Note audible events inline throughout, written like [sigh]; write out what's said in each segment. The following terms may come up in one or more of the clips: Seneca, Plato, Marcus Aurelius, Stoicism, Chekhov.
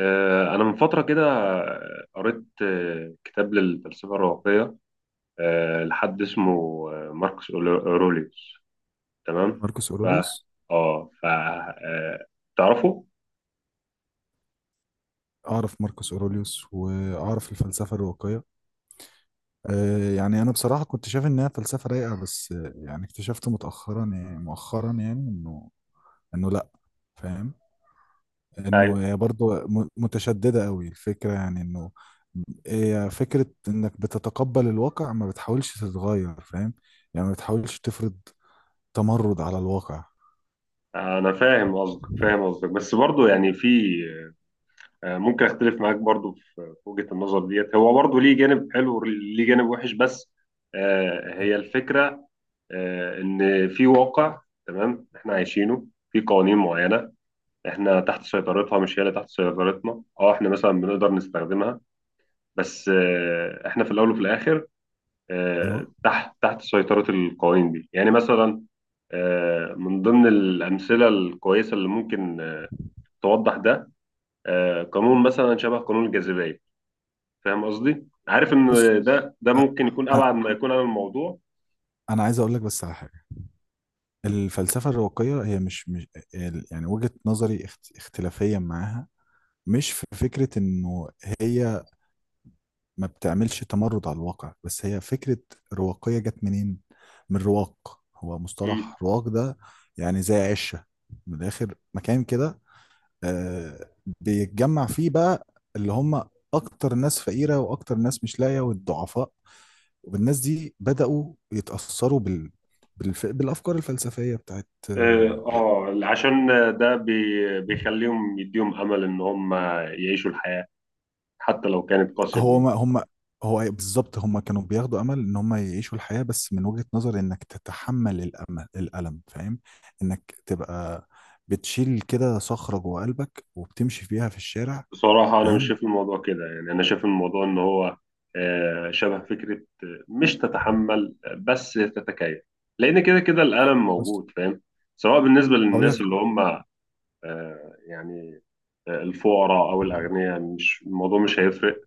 أنا من فترة كده قريت كتاب للفلسفة الرواقية، لحد اسمه، ماركوس أوروليوس، تمام؟ ماركوس ف اوروليوس. آه ف آه، تعرفه؟ اعرف ماركوس اوروليوس واعرف الفلسفه الرواقيه. أه، يعني انا بصراحه كنت شايف انها فلسفه رايقه، بس يعني اكتشفت مؤخرا، انه لا، فاهم، انه أيوه. هي برضه متشدده قوي الفكره، يعني انه هي فكره انك بتتقبل الواقع، ما بتحاولش تتغير، فاهم؟ يعني ما بتحاولش تفرض تمرد على الواقع. أنا فاهم قصدك، بس برضه يعني في، ممكن أختلف معاك برضه في وجهة النظر ديت. هو برضه ليه جانب حلو وليه جانب وحش، بس هي الفكرة إن في واقع، تمام، إحنا عايشينه، في قوانين معينة احنا تحت سيطرتها، مش هي اللي تحت سيطرتنا. اه احنا مثلا بنقدر نستخدمها، بس احنا في الاول وفي الاخر ايوه. تحت سيطرة القوانين دي. يعني مثلا من ضمن الامثلة الكويسة اللي ممكن توضح ده، قانون مثلا شبه قانون الجاذبية. فاهم قصدي؟ عارف ان بص، ده أ- ممكن يكون أ- ابعد ما يكون عن الموضوع. انا عايز اقول لك بس على حاجه. الفلسفه الرواقيه هي مش يعني وجهه نظري اختلافيه معاها مش في فكره انه هي ما بتعملش تمرد على الواقع، بس هي فكرة رواقية. جت منين؟ من رواق، هو مم. مصطلح رواق ده يعني زي عشة، من الآخر مكان كده، آه، بيتجمع فيه بقى اللي هم أكتر ناس فقيرة وأكتر ناس مش لاقية والضعفاء، والناس دي بدأوا يتأثروا بالأفكار الفلسفية بتاعت اه، آه،. عشان ده بيخليهم يديهم امل ان هم يعيشوا الحياة حتى لو كانت قاسية هو بالنسبة. ما هم، هو بالظبط هم كانوا بياخدوا امل ان هم يعيشوا الحياه، بس من وجهه نظر انك تتحمل الالم، فاهم؟ انك تبقى بتشيل كده صخره جوه قلبك وبتمشي فيها في الشارع، بصراحة أنا مش فاهم؟ شايف الموضوع كده، يعني أنا شايف الموضوع إن هو شبه فكرة مش تتحمل، بس تتكيف، لأن كده كده الألم بص، موجود، فاهم، سواء بالنسبة هقول للناس لك اللي هم يعني الفقراء أو الأغنياء. مش الموضوع مش هيفرق،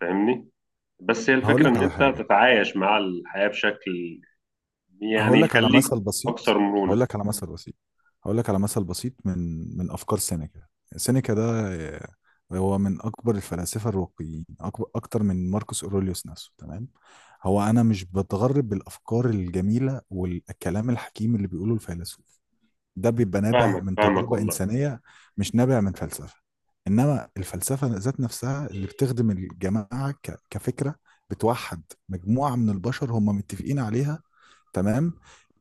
فاهمني، بس هي هقول الفكرة لك إن على أنت حاجه. تتعايش مع الحياة بشكل، يعني، هقول لك على يخليك مثل أكثر بسيط هقول مرونة. لك على مثل بسيط هقول لك على مثل بسيط من افكار سينيكا. سينيكا ده آه، هو من اكبر الفلاسفه الرواقيين، اكبر اكتر من ماركوس اوروليوس نفسه، تمام؟ هو انا مش بتغرب بالافكار الجميله والكلام الحكيم اللي بيقوله الفيلسوف ده، بيبقى نابع فاهمك من فاهمك تجربة والله. إنسانية، مش نابع من فلسفة. إنما الفلسفة ذات نفسها اللي بتخدم الجماعة كفكرة، بتوحد مجموعة من البشر هم متفقين عليها، تمام؟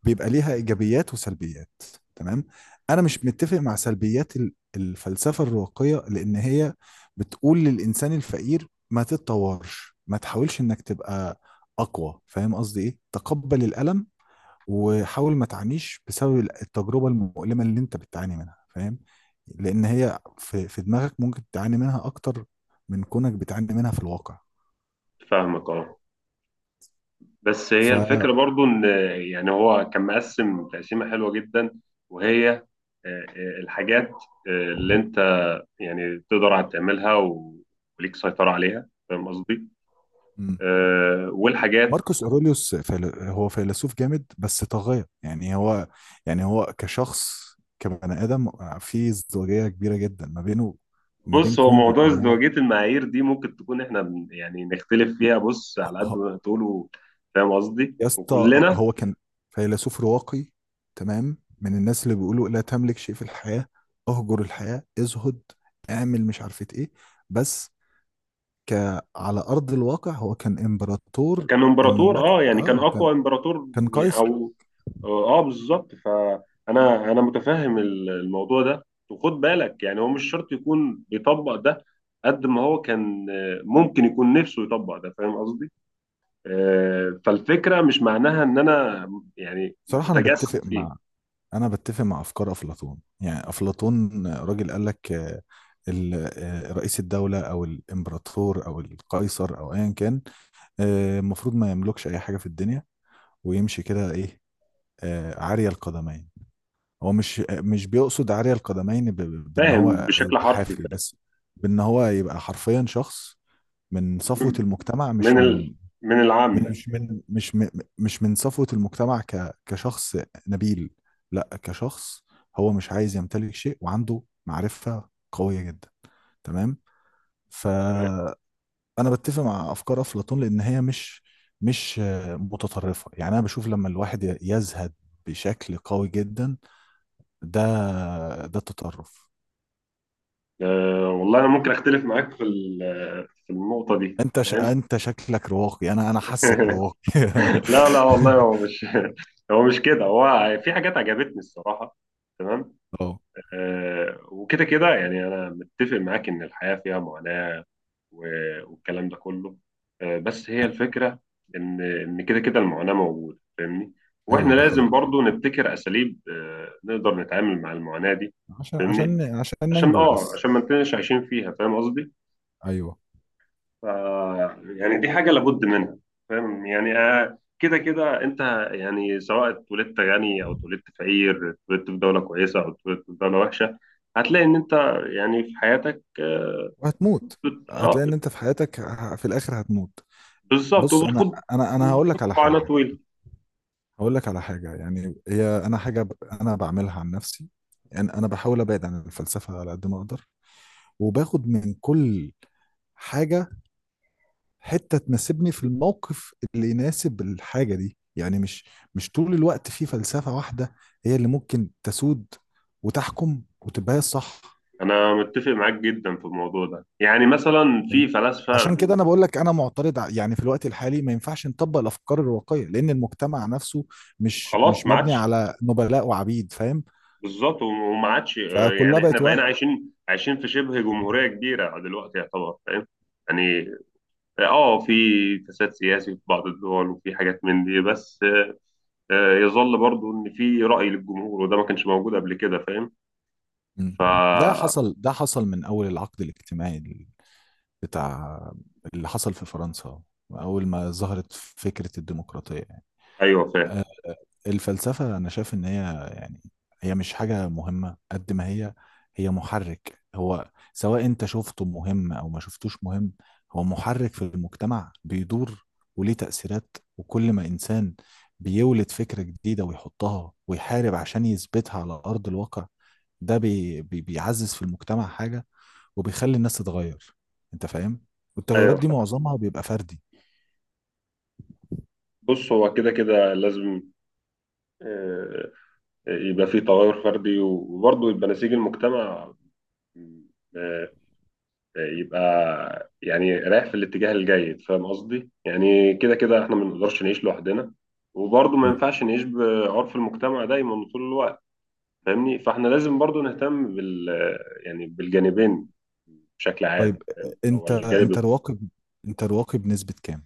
بيبقى ليها إيجابيات وسلبيات. تمام، أنا مش متفق مع سلبيات الفلسفة الرواقية، لأن هي بتقول للإنسان الفقير ما تتطورش، ما تحاولش إنك تبقى أقوى، فاهم قصدي إيه؟ تقبل الألم وحاول ما تعانيش بسبب التجربة المؤلمة اللي انت بتعاني منها، فاهم؟ لان هي في دماغك ممكن تعاني منها اكتر من كونك بتعاني منها في الواقع. فاهمك أه، بس هي ف الفكرة برضو إن، يعني، هو كان مقسم تقسيمة حلوة جدا، وهي الحاجات اللي أنت يعني تقدر على تعملها وليك سيطرة عليها، فاهم قصدي؟ مم. والحاجات. ماركوس اوروليوس هو فيلسوف جامد بس طاغية. يعني هو، يعني هو كشخص، كبني ادم، في ازدواجية كبيرة جدا ما بينه، ما بين بص، هو كونه موضوع ان هو، ازدواجية المعايير دي ممكن تكون إحنا يعني نختلف فيها. بص، على قد ما تقولوا، فاهم قصدي؟ يا اسطى وكلنا هو كان فيلسوف رواقي، تمام؟ من الناس اللي بيقولوا لا تملك شيء في الحياة، اهجر الحياة، ازهد، اعمل مش عارفة ايه، بس ك على ارض الواقع هو كان امبراطور كان امبراطور. المملكة، اه، يعني كان اه، كان، اقوى امبراطور كان قيصر. او، اه بالظبط. فانا متفهم الموضوع ده. وخد بالك يعني هو مش شرط يكون بيطبق ده، قد ما هو كان ممكن يكون نفسه يطبق ده، فاهم قصدي؟ فالفكره مش معناها ان انا يعني صراحة انا متجسد بتفق فيه. مع، انا بتفق مع افكار افلاطون. يعني افلاطون راجل قال لك آه، رئيس الدولة او الامبراطور او القيصر او ايا كان، آه، المفروض ما يملكش اي حاجة في الدنيا، ويمشي كده ايه، آه، عارية القدمين. هو مش، بيقصد عارية القدمين بان فاهم هو بشكل يبقى حرفي. حافي، بس بان هو يبقى حرفيا شخص من صفوة فاهم؟ المجتمع، من مش ال، من، من من- العامه. مش من مش من مش من صفوة المجتمع كشخص نبيل، لا، كشخص هو مش عايز يمتلك شيء، وعنده معرفة قوية جدا، تمام؟ فأنا بتفق مع أفكار أفلاطون، لأن هي مش آه، متطرفة. يعني أنا بشوف لما الواحد يزهد بشكل قوي جدا، ده، ده التطرف. والله انا ممكن اختلف معاك في في النقطه دي، انت فاهم؟ انت شكلك رواقي، انا حاسك [laughs] رواقي. لا والله هو مش [laughs] هو مش كده، هو في حاجات عجبتني الصراحة، تمام. [laughs] اه. آه وكده كده، يعني أنا متفق معاك إن الحياة فيها معاناة والكلام ده كله. آه، بس هي الفكرة إن كده كده المعاناة موجودة، فاهمني، ايوه، وإحنا ده لازم حقيقي، برضو نبتكر أساليب آه نقدر نتعامل مع المعاناة دي. فاهمني، عشان عشان ننجو آه بس. عشان ما نكونش عايشين فيها، فاهم قصدي. ايوه، ف، يعني دي حاجة لابد منها. فاهم؟ يعني كده كده انت، يعني سواء اتولدت غني او اتولدت فقير، اتولدت في دولة كويسة او اتولدت في دولة وحشة، هتلاقي ان انت يعني في حياتك وهتموت. اه، هتلاقي ان انت في حياتك، في الاخر هتموت. بالظبط. بص وبتخوض، انا هقول وبتخوض لك على على حاجه. طويل. هقول لك على حاجه، يعني هي انا حاجه انا بعملها عن نفسي. يعني انا بحاول ابعد عن الفلسفه على قد ما اقدر، وباخد من كل حاجه حتة تناسبني في الموقف اللي يناسب الحاجة دي. يعني مش طول الوقت في فلسفة واحدة هي اللي ممكن تسود وتحكم وتبقى هي الصح، انا متفق معاك جدا في الموضوع ده. يعني مثلا فاهم؟ في فلاسفة، عشان كده انا بقول لك انا معترض يعني في الوقت الحالي ما ينفعش نطبق الافكار الرواقية، لان المجتمع نفسه خلاص مش ما مبني عادش. على نبلاء وعبيد، فاهم؟ بالظبط، وما عادش فكلها يعني احنا بقت بقينا واحد. عايشين في شبه جمهورية كبيرة دلوقتي يعتبر، فاهم يعني. اه في فساد سياسي في بعض الدول وفي حاجات من دي، بس يظل برضو ان في رأي للجمهور، وده ما كانش موجود قبل كده، فاهم. مم. فا، ده حصل من اول العقد الاجتماعي ال- بتاع اللي حصل في فرنسا، اول ما ظهرت فكرة الديمقراطية. ايوه فاهم. آه، الفلسفة أنا شايف إن هي، يعني هي مش حاجة مهمة قد ما هي، هي محرك. هو سواء أنت شفته مهم أو ما شفتوش مهم، هو محرك في المجتمع بيدور، وليه تأثيرات. وكل ما إنسان بيولد فكرة جديدة ويحطها ويحارب عشان يثبتها على أرض الواقع، ده بي بي بيعزز في المجتمع حاجة، وبيخلي الناس تتغير. أنت فاهم؟ والتغيرات ايوه دي فاهم. معظمها بيبقى فردي. بص، هو كده كده لازم آه، يبقى في تغير فردي، وبرضو يبقى نسيج المجتمع آه، يبقى يعني رايح في الاتجاه الجيد، فاهم قصدي. يعني كده كده احنا ما نقدرش نعيش لوحدنا، وبرضو ما ينفعش نعيش بعرف المجتمع دايما طول الوقت، فاهمني. فاحنا لازم برضو نهتم بال، يعني بالجانبين بشكل طيب، عام، فاهم. هو انت الجانب، رواقب، انت رواقب نسبة كام؟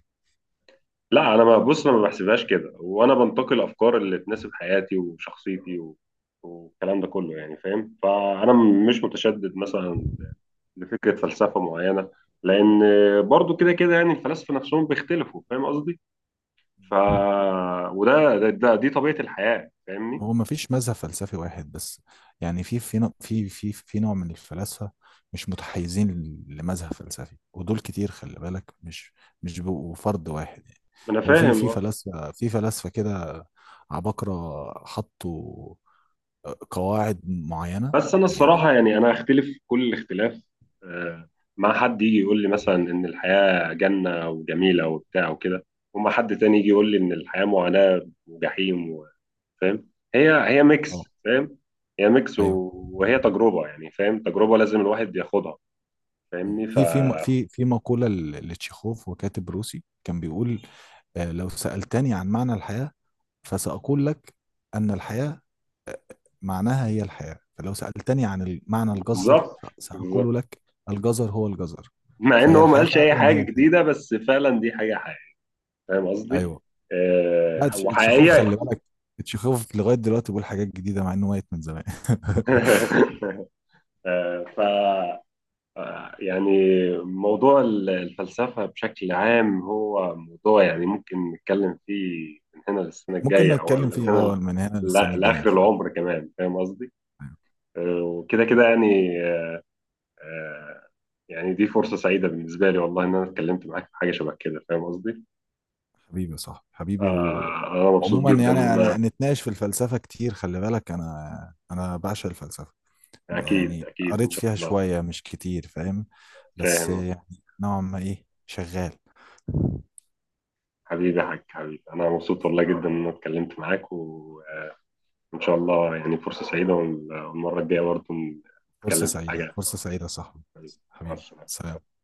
لا انا ما، بص انا ما بحسبهاش كده، وانا بنتقي الافكار اللي تناسب حياتي وشخصيتي و... والكلام ده كله، يعني فاهم. فانا مش متشدد مثلا لفكره فلسفه معينه، لان برضو كده كده يعني الفلاسفه نفسهم بيختلفوا، فاهم قصدي. ف، وده ده, ده دي طبيعه الحياه، فاهمني. هو ما فيش مذهب فلسفي واحد بس. يعني في في نوع من الفلاسفة مش متحيزين لمذهب فلسفي، ودول كتير، خلي بالك، مش بيبقوا فرد واحد، يعني انا هو في فاهم، فلاسفة، في فلاسفة كده عباقرة حطوا آه، قواعد معينة، بس انا يعني الصراحه، يعني انا هختلف كل الاختلاف آه، مع حد يجي يقول لي مثلا ان الحياه جنه وجميله وبتاع وكده، وما حد تاني يجي يقول لي ان الحياه معاناه وجحيم فاهم. هي ميكس، اه. فاهم، هي ميكس ايوه، وهي تجربه، يعني فاهم، تجربه لازم الواحد ياخدها، فاهمني. ف، في مقولة لتشيخوف، وكاتب روسي كان بيقول آه، لو سألتني عن معنى الحياة فسأقول لك أن الحياة معناها هي الحياة، فلو سألتني عن معنى الجزر بالظبط. سأقول بالظبط، لك الجزر هو الجزر. مع ان فهي هو ما الحياة قالش اي فعلا حاجه هي الحياة. جديده، بس فعلا دي حاجه حقيقيه، فاهم قصدي. أيوه. لا، تشيخوف وحقيقيه. خلي بالك، تشيخوف لغاية دلوقتي بيقول حاجات جديدة مع إنه ميت من زمان. [laughs] [laughs] آه، يعني موضوع الفلسفة بشكل عام هو موضوع، يعني ممكن نتكلم فيه من هنا للسنة ممكن الجاية أو، نتكلم ولا من فيه، هنا اه، من هنا للسنة الجاية لآخر فعلا. العمر كمان، فاهم قصدي؟ وكده كده يعني آه، يعني دي فرصة سعيدة بالنسبة لي، والله، إن أنا اتكلمت معاك في حاجة شبه كده، فاهم قصدي؟ حبيبي، صح حبيبي، و... أنا مبسوط وعموما جدا يعني، إن أنا، يعني نتناقش في الفلسفة كتير، خلي بالك أنا، أنا بعشق الفلسفة، أكيد يعني أكيد إن قريت شاء فيها الله. شوية مش كتير، فاهم؟ بس فاهم، يعني نوعا ما ايه شغال. حبيبي يا حاج، حبيبي، أنا مبسوط والله جدا إن أنا اتكلمت معاك، و إن شاء الله، يعني فرصة سعيدة، والمرة الجاية برضه فرصة نتكلم في سعيدة، حاجة. فرصة سعيدة يا صاحبي. مع حبيبي، السلامة. سلام.